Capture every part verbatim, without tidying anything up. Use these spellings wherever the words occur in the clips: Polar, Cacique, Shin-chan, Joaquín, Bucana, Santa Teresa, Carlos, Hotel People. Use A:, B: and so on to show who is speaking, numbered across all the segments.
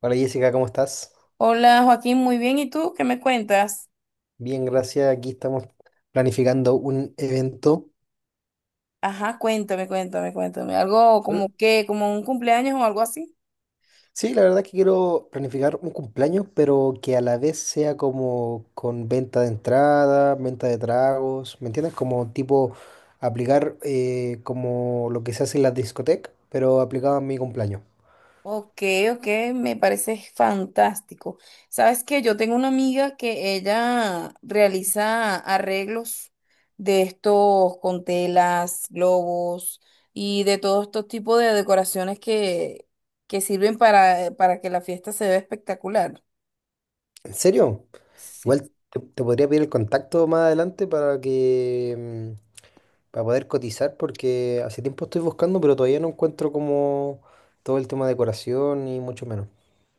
A: Hola Jessica, ¿cómo estás?
B: Hola Joaquín, muy bien. ¿Y tú qué me cuentas?
A: Bien, gracias. Aquí estamos planificando un evento.
B: Ajá, cuéntame, cuéntame, cuéntame. ¿Algo
A: Hola.
B: como qué, como un cumpleaños o algo así?
A: Sí, la verdad es que quiero planificar un cumpleaños, pero que a la vez sea como con venta de entrada, venta de tragos, ¿me entiendes? Como tipo aplicar eh, como lo que se hace en la discoteca, pero aplicado a mi cumpleaños.
B: Ok, ok, me parece fantástico. Sabes que yo tengo una amiga que ella realiza arreglos de estos con telas, globos y de todos estos tipos de decoraciones que, que sirven para, para que la fiesta se vea espectacular.
A: ¿En serio?
B: Sí.
A: Igual te, te podría pedir el contacto más adelante para que mm, para poder cotizar porque hace tiempo estoy buscando, pero todavía no encuentro como todo el tema de decoración y mucho menos.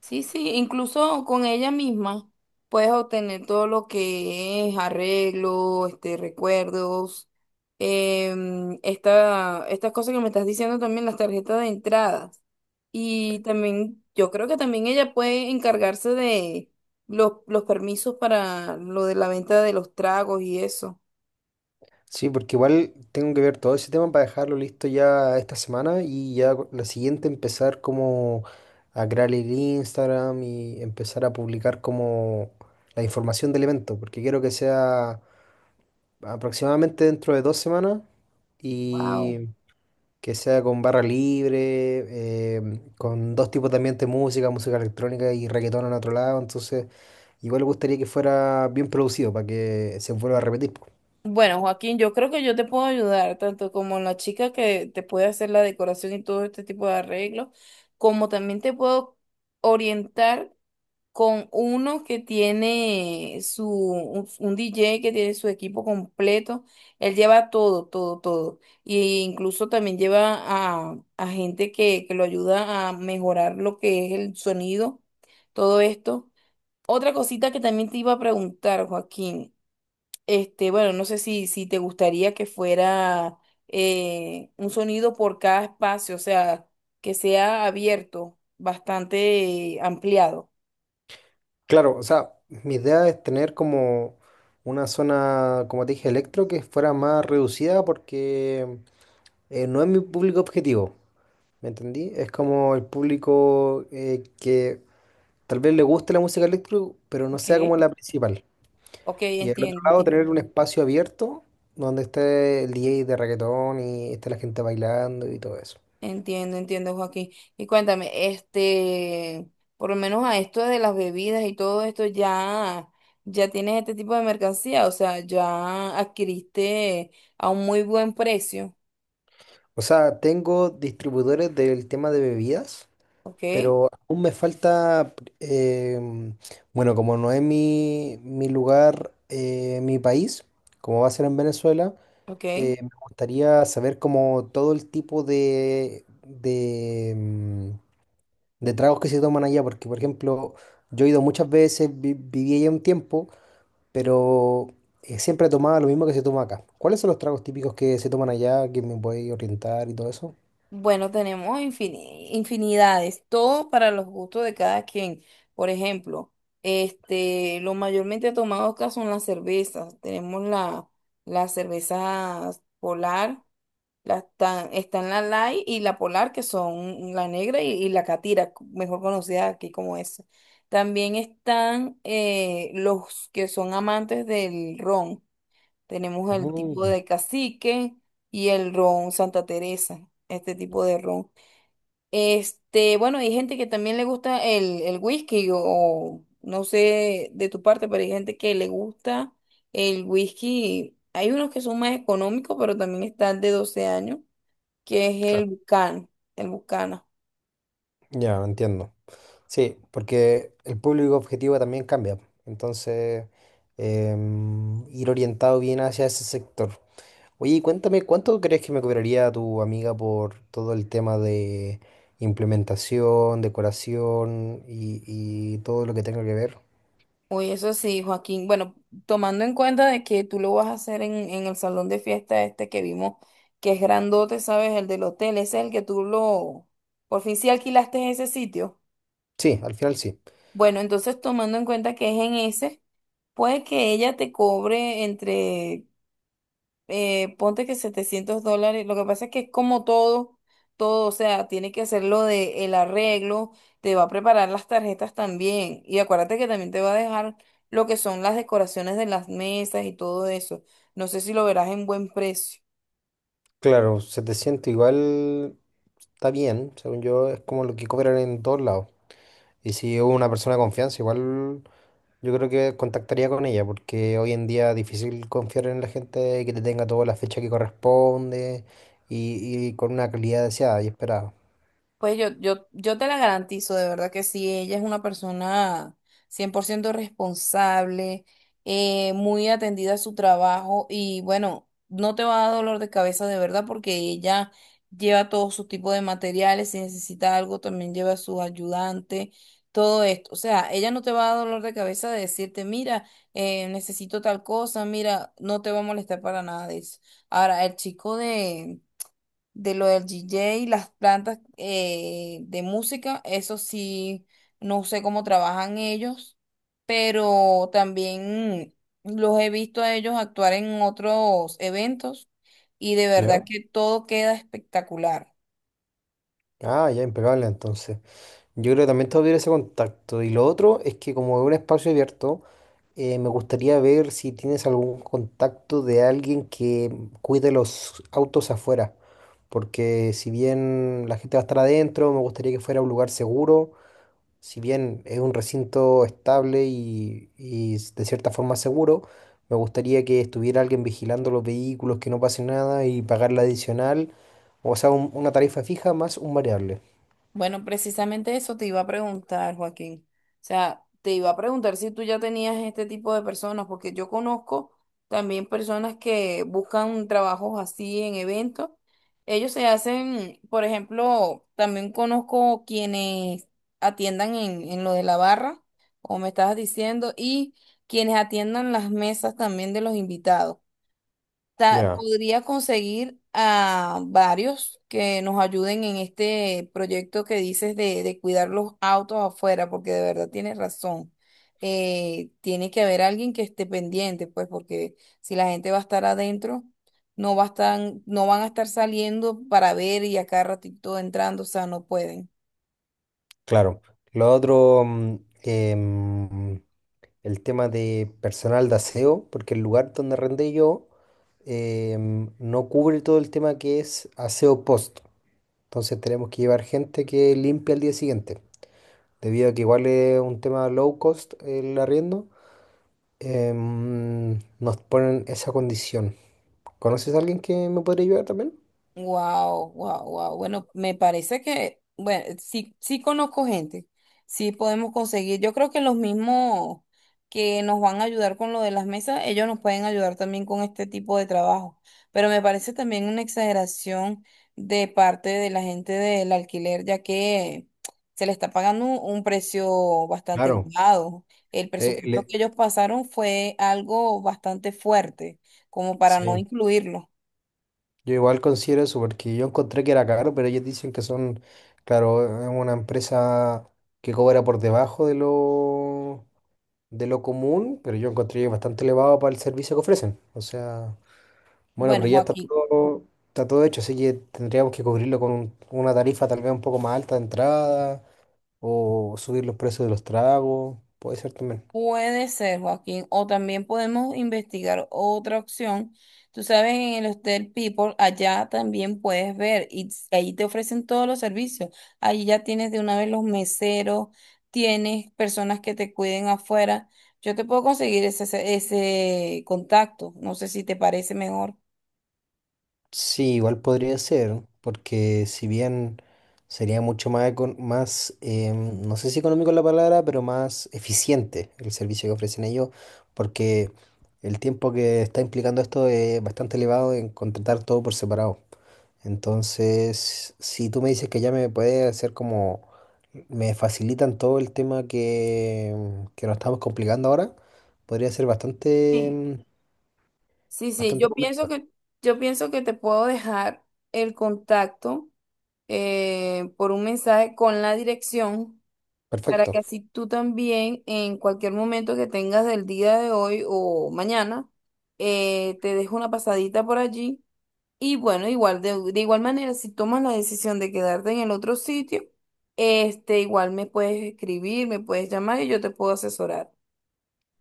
B: Sí, sí, incluso con ella misma puedes obtener todo lo que es arreglo, este, recuerdos, em, esta, estas cosas que me estás diciendo también, las tarjetas de entradas. Y también, yo creo que también ella puede encargarse de los, los permisos para lo de la venta de los tragos y eso.
A: Sí, porque igual tengo que ver todo ese tema para dejarlo listo ya esta semana y ya co- la siguiente empezar como a crear el Instagram y empezar a publicar como la información del evento, porque quiero que sea aproximadamente dentro de dos semanas y
B: Wow.
A: que sea con barra libre, em, con dos tipos de ambiente de música, música electrónica y reggaetón en otro lado, entonces igual me gustaría que fuera bien producido para que se vuelva a repetir. Po.
B: Bueno, Joaquín, yo creo que yo te puedo ayudar, tanto como la chica que te puede hacer la decoración y todo este tipo de arreglos, como también te puedo orientar con uno que tiene su, un, un D J que tiene su equipo completo. Él lleva todo, todo, todo. Y incluso también lleva a, a gente que, que lo ayuda a mejorar lo que es el sonido, todo esto. Otra cosita que también te iba a preguntar, Joaquín. Este, bueno, no sé si, si te gustaría que fuera eh, un sonido por cada espacio, o sea, que sea abierto, bastante eh, ampliado.
A: Claro, o sea, mi idea es tener como una zona, como te dije, electro que fuera más reducida porque eh, no es mi público objetivo, ¿me entendí? Es como el público eh, que tal vez le guste la música electro, pero no
B: Ok.
A: sea como la principal.
B: Ok,
A: Y al otro
B: entiendo,
A: lado
B: entiendo,
A: tener un espacio abierto donde esté el D J de reggaetón y esté la gente bailando y todo eso.
B: entiendo, entiendo, Joaquín. Y cuéntame, este, por lo menos a esto de las bebidas y todo esto, ya, ya tienes este tipo de mercancía, o sea, ya adquiriste a un muy buen precio,
A: O sea, tengo distribuidores del tema de bebidas,
B: ok,
A: pero aún me falta, em, bueno, como no es mi, mi lugar, eh, mi país, como va a ser en Venezuela,
B: ok.
A: eh, me gustaría saber como todo el tipo de, de, em, de tragos que se toman allá, porque por ejemplo, yo he ido muchas veces, vi- viví allá un tiempo. pero eh, siempre tomaba lo mismo que se toma acá. ¿Cuáles son los tragos típicos que se toman allá, que me voy a orientar y todo eso?
B: Bueno, tenemos infini- infinidades, todo para los gustos de cada quien. Por ejemplo, este, lo mayormente tomado acá son las cervezas. Tenemos la, las cervezas polar, las tan- están la light y la polar, que son la negra y, y la catira, mejor conocida aquí como esa. También están eh, los que son amantes del ron. Tenemos el tipo
A: Mm.
B: de cacique y el ron Santa Teresa, este tipo de ron. Este, bueno, hay gente que también le gusta el, el whisky o, o no sé de tu parte, pero hay gente que le gusta el whisky. Hay unos que son más económicos, pero también está el de doce años, que es el
A: Claro.
B: Bucana, el Bucana.
A: ya, entiendo. Sí, porque el público objetivo también cambia. Entonces, em, ir orientado bien hacia ese sector. Oye, y cuéntame, ¿cuánto crees que me cobraría tu amiga por todo el tema de implementación, decoración y, y todo lo que tenga que ver?
B: Uy, eso sí, Joaquín. Bueno, tomando en cuenta de que tú lo vas a hacer en, en el salón de fiesta este que vimos, que es grandote, ¿sabes? El del hotel, ese es el que tú lo... Por fin sí alquilaste ese sitio.
A: Sí, al final sí.
B: Bueno, entonces tomando en cuenta que es en ese, puede que ella te cobre entre eh, ponte que setecientos dólares, lo que pasa es que es como todo, todo, o sea, tiene que hacerlo de el arreglo, te va a preparar las tarjetas también, y acuérdate que también te va a dejar lo que son las decoraciones de las mesas y todo eso, no sé si lo verás en buen precio.
A: Claro, setecientos igual está bien, según yo, es como lo que cobran en todos lados. Y si hubo una persona de confianza, igual yo creo que contactaría con ella, porque hoy en día es difícil confiar en la gente y que te tenga toda la fecha que corresponde y, y con una calidad deseada y esperada.
B: Pues yo, yo, yo te la garantizo, de verdad que sí, ella es una persona cien por ciento responsable, eh, muy atendida a su trabajo y bueno, no te va a dar dolor de cabeza de verdad porque ella lleva todos sus tipos de materiales, si necesita algo también lleva a su ayudante, todo esto. O sea, ella no te va a dar dolor de cabeza de decirte, mira, eh, necesito tal cosa, mira, no te va a molestar para nada de eso. Ahora, el chico de de lo del D J, las plantas eh, de música, eso sí, no sé cómo trabajan ellos, pero también los he visto a ellos actuar en otros eventos y de verdad
A: ¿Ya?
B: que todo queda espectacular.
A: Ah, ya impecable entonces. Yo creo que también todavía ese contacto. Y lo otro es que como es un espacio abierto, eh, me gustaría ver si tienes algún contacto de alguien que cuide los autos afuera. Porque si bien la gente va a estar adentro, me gustaría que fuera un lugar seguro. Si bien es un recinto estable y, y s- de cierta forma seguro, me gustaría que estuviera alguien vigilando los vehículos, que no pase nada y pagar la adicional. O sea, un- una tarifa fija más un variable.
B: Bueno, precisamente eso te iba a preguntar, Joaquín. O sea, te iba a preguntar si tú ya tenías este tipo de personas, porque yo conozco también personas que buscan trabajos así en eventos. Ellos se hacen, por ejemplo, también conozco quienes atiendan en, en lo de la barra, como me estabas diciendo, y quienes atiendan las mesas también de los invitados ta-
A: Ya.
B: podría conseguir a varios que nos ayuden en este proyecto que dices de, de cuidar los autos afuera, porque de verdad tienes razón. Eh, tiene que haber alguien que esté pendiente, pues, porque si la gente va a estar adentro, no va a estar- no van a estar saliendo para ver y acá ratito entrando, o sea, no pueden.
A: Claro. Lo otro, mm, que, mm, el tema de personal de aseo, porque el lugar donde arrendé yo eh, mm, no cubre todo el tema que es aseo post. Entonces tenemos que llevar gente que limpie al día siguiente. Debido a que igual es un tema low cost el arriendo, eh, mm, nos ponen esa condición. ¿Conoces a alguien que me podría ayudar también?
B: Wow, wow, wow. Bueno, me parece que, bueno, sí, sí conozco gente, sí podemos conseguir. Yo creo que los mismos que nos van a ayudar con lo de las mesas, ellos nos pueden ayudar también con este tipo de trabajo. Pero me parece también una exageración de parte de la gente del alquiler, ya que se le está pagando un un precio bastante
A: Claro.
B: elevado. El
A: Eh,
B: presupuesto
A: le-
B: que ellos pasaron fue algo bastante fuerte, como para no
A: sí.
B: incluirlo.
A: Yo igual considero eso porque yo encontré que era caro, pero ellos dicen que son, claro, es una empresa que cobra por debajo de lo, de lo común, pero yo encontré que es bastante elevado para el servicio que ofrecen. O sea, bueno,
B: Bueno,
A: pero ya está
B: Joaquín.
A: todo, está todo hecho, así que tendríamos que cubrirlo con un- una tarifa tal vez un poco más alta de entrada o subir los precios de los tragos, puede ser también.
B: Puede ser, Joaquín, o también podemos investigar otra opción. Tú sabes, en el Hotel People, allá también puedes ver y s- ahí te ofrecen todos los servicios. Ahí ya tienes de una vez los meseros, tienes personas que te cuiden afuera. Yo te puedo conseguir ese, ese ese contacto. No sé si te parece mejor.
A: Sí, igual podría ser, porque si bien sería mucho más, econ- más em, no sé si económico es la palabra, pero más eficiente el servicio que ofrecen ellos, porque el tiempo que está implicando esto es bastante elevado en contratar todo por separado. Entonces, si tú me dices que ya me puede hacer como, me facilitan todo el tema que, que nos estamos complicando ahora, podría ser bastante,
B: Sí,
A: em,
B: sí, sí,
A: bastante
B: yo pienso
A: convencido.
B: que, yo pienso que te puedo dejar el contacto eh, por un mensaje con la dirección para que
A: Perfecto.
B: así tú también en cualquier momento que tengas del día de hoy o mañana, eh, te dejo una pasadita por allí. Y bueno, igual de, de igual manera, si tomas la decisión de quedarte en el otro sitio, este, igual me puedes escribir, me puedes llamar y yo te puedo asesorar.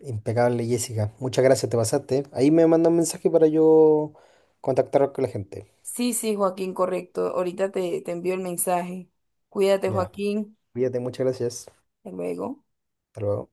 A: Impecable, Jessica. Muchas gracias, te pasaste. Ahí me manda un mensaje para yo contactar con la gente.
B: Sí, sí, Joaquín, correcto. Ahorita te, te envío el mensaje. Cuídate,
A: Ya.
B: Joaquín.
A: Cuídate, muchas gracias.
B: Hasta luego.
A: Hasta luego.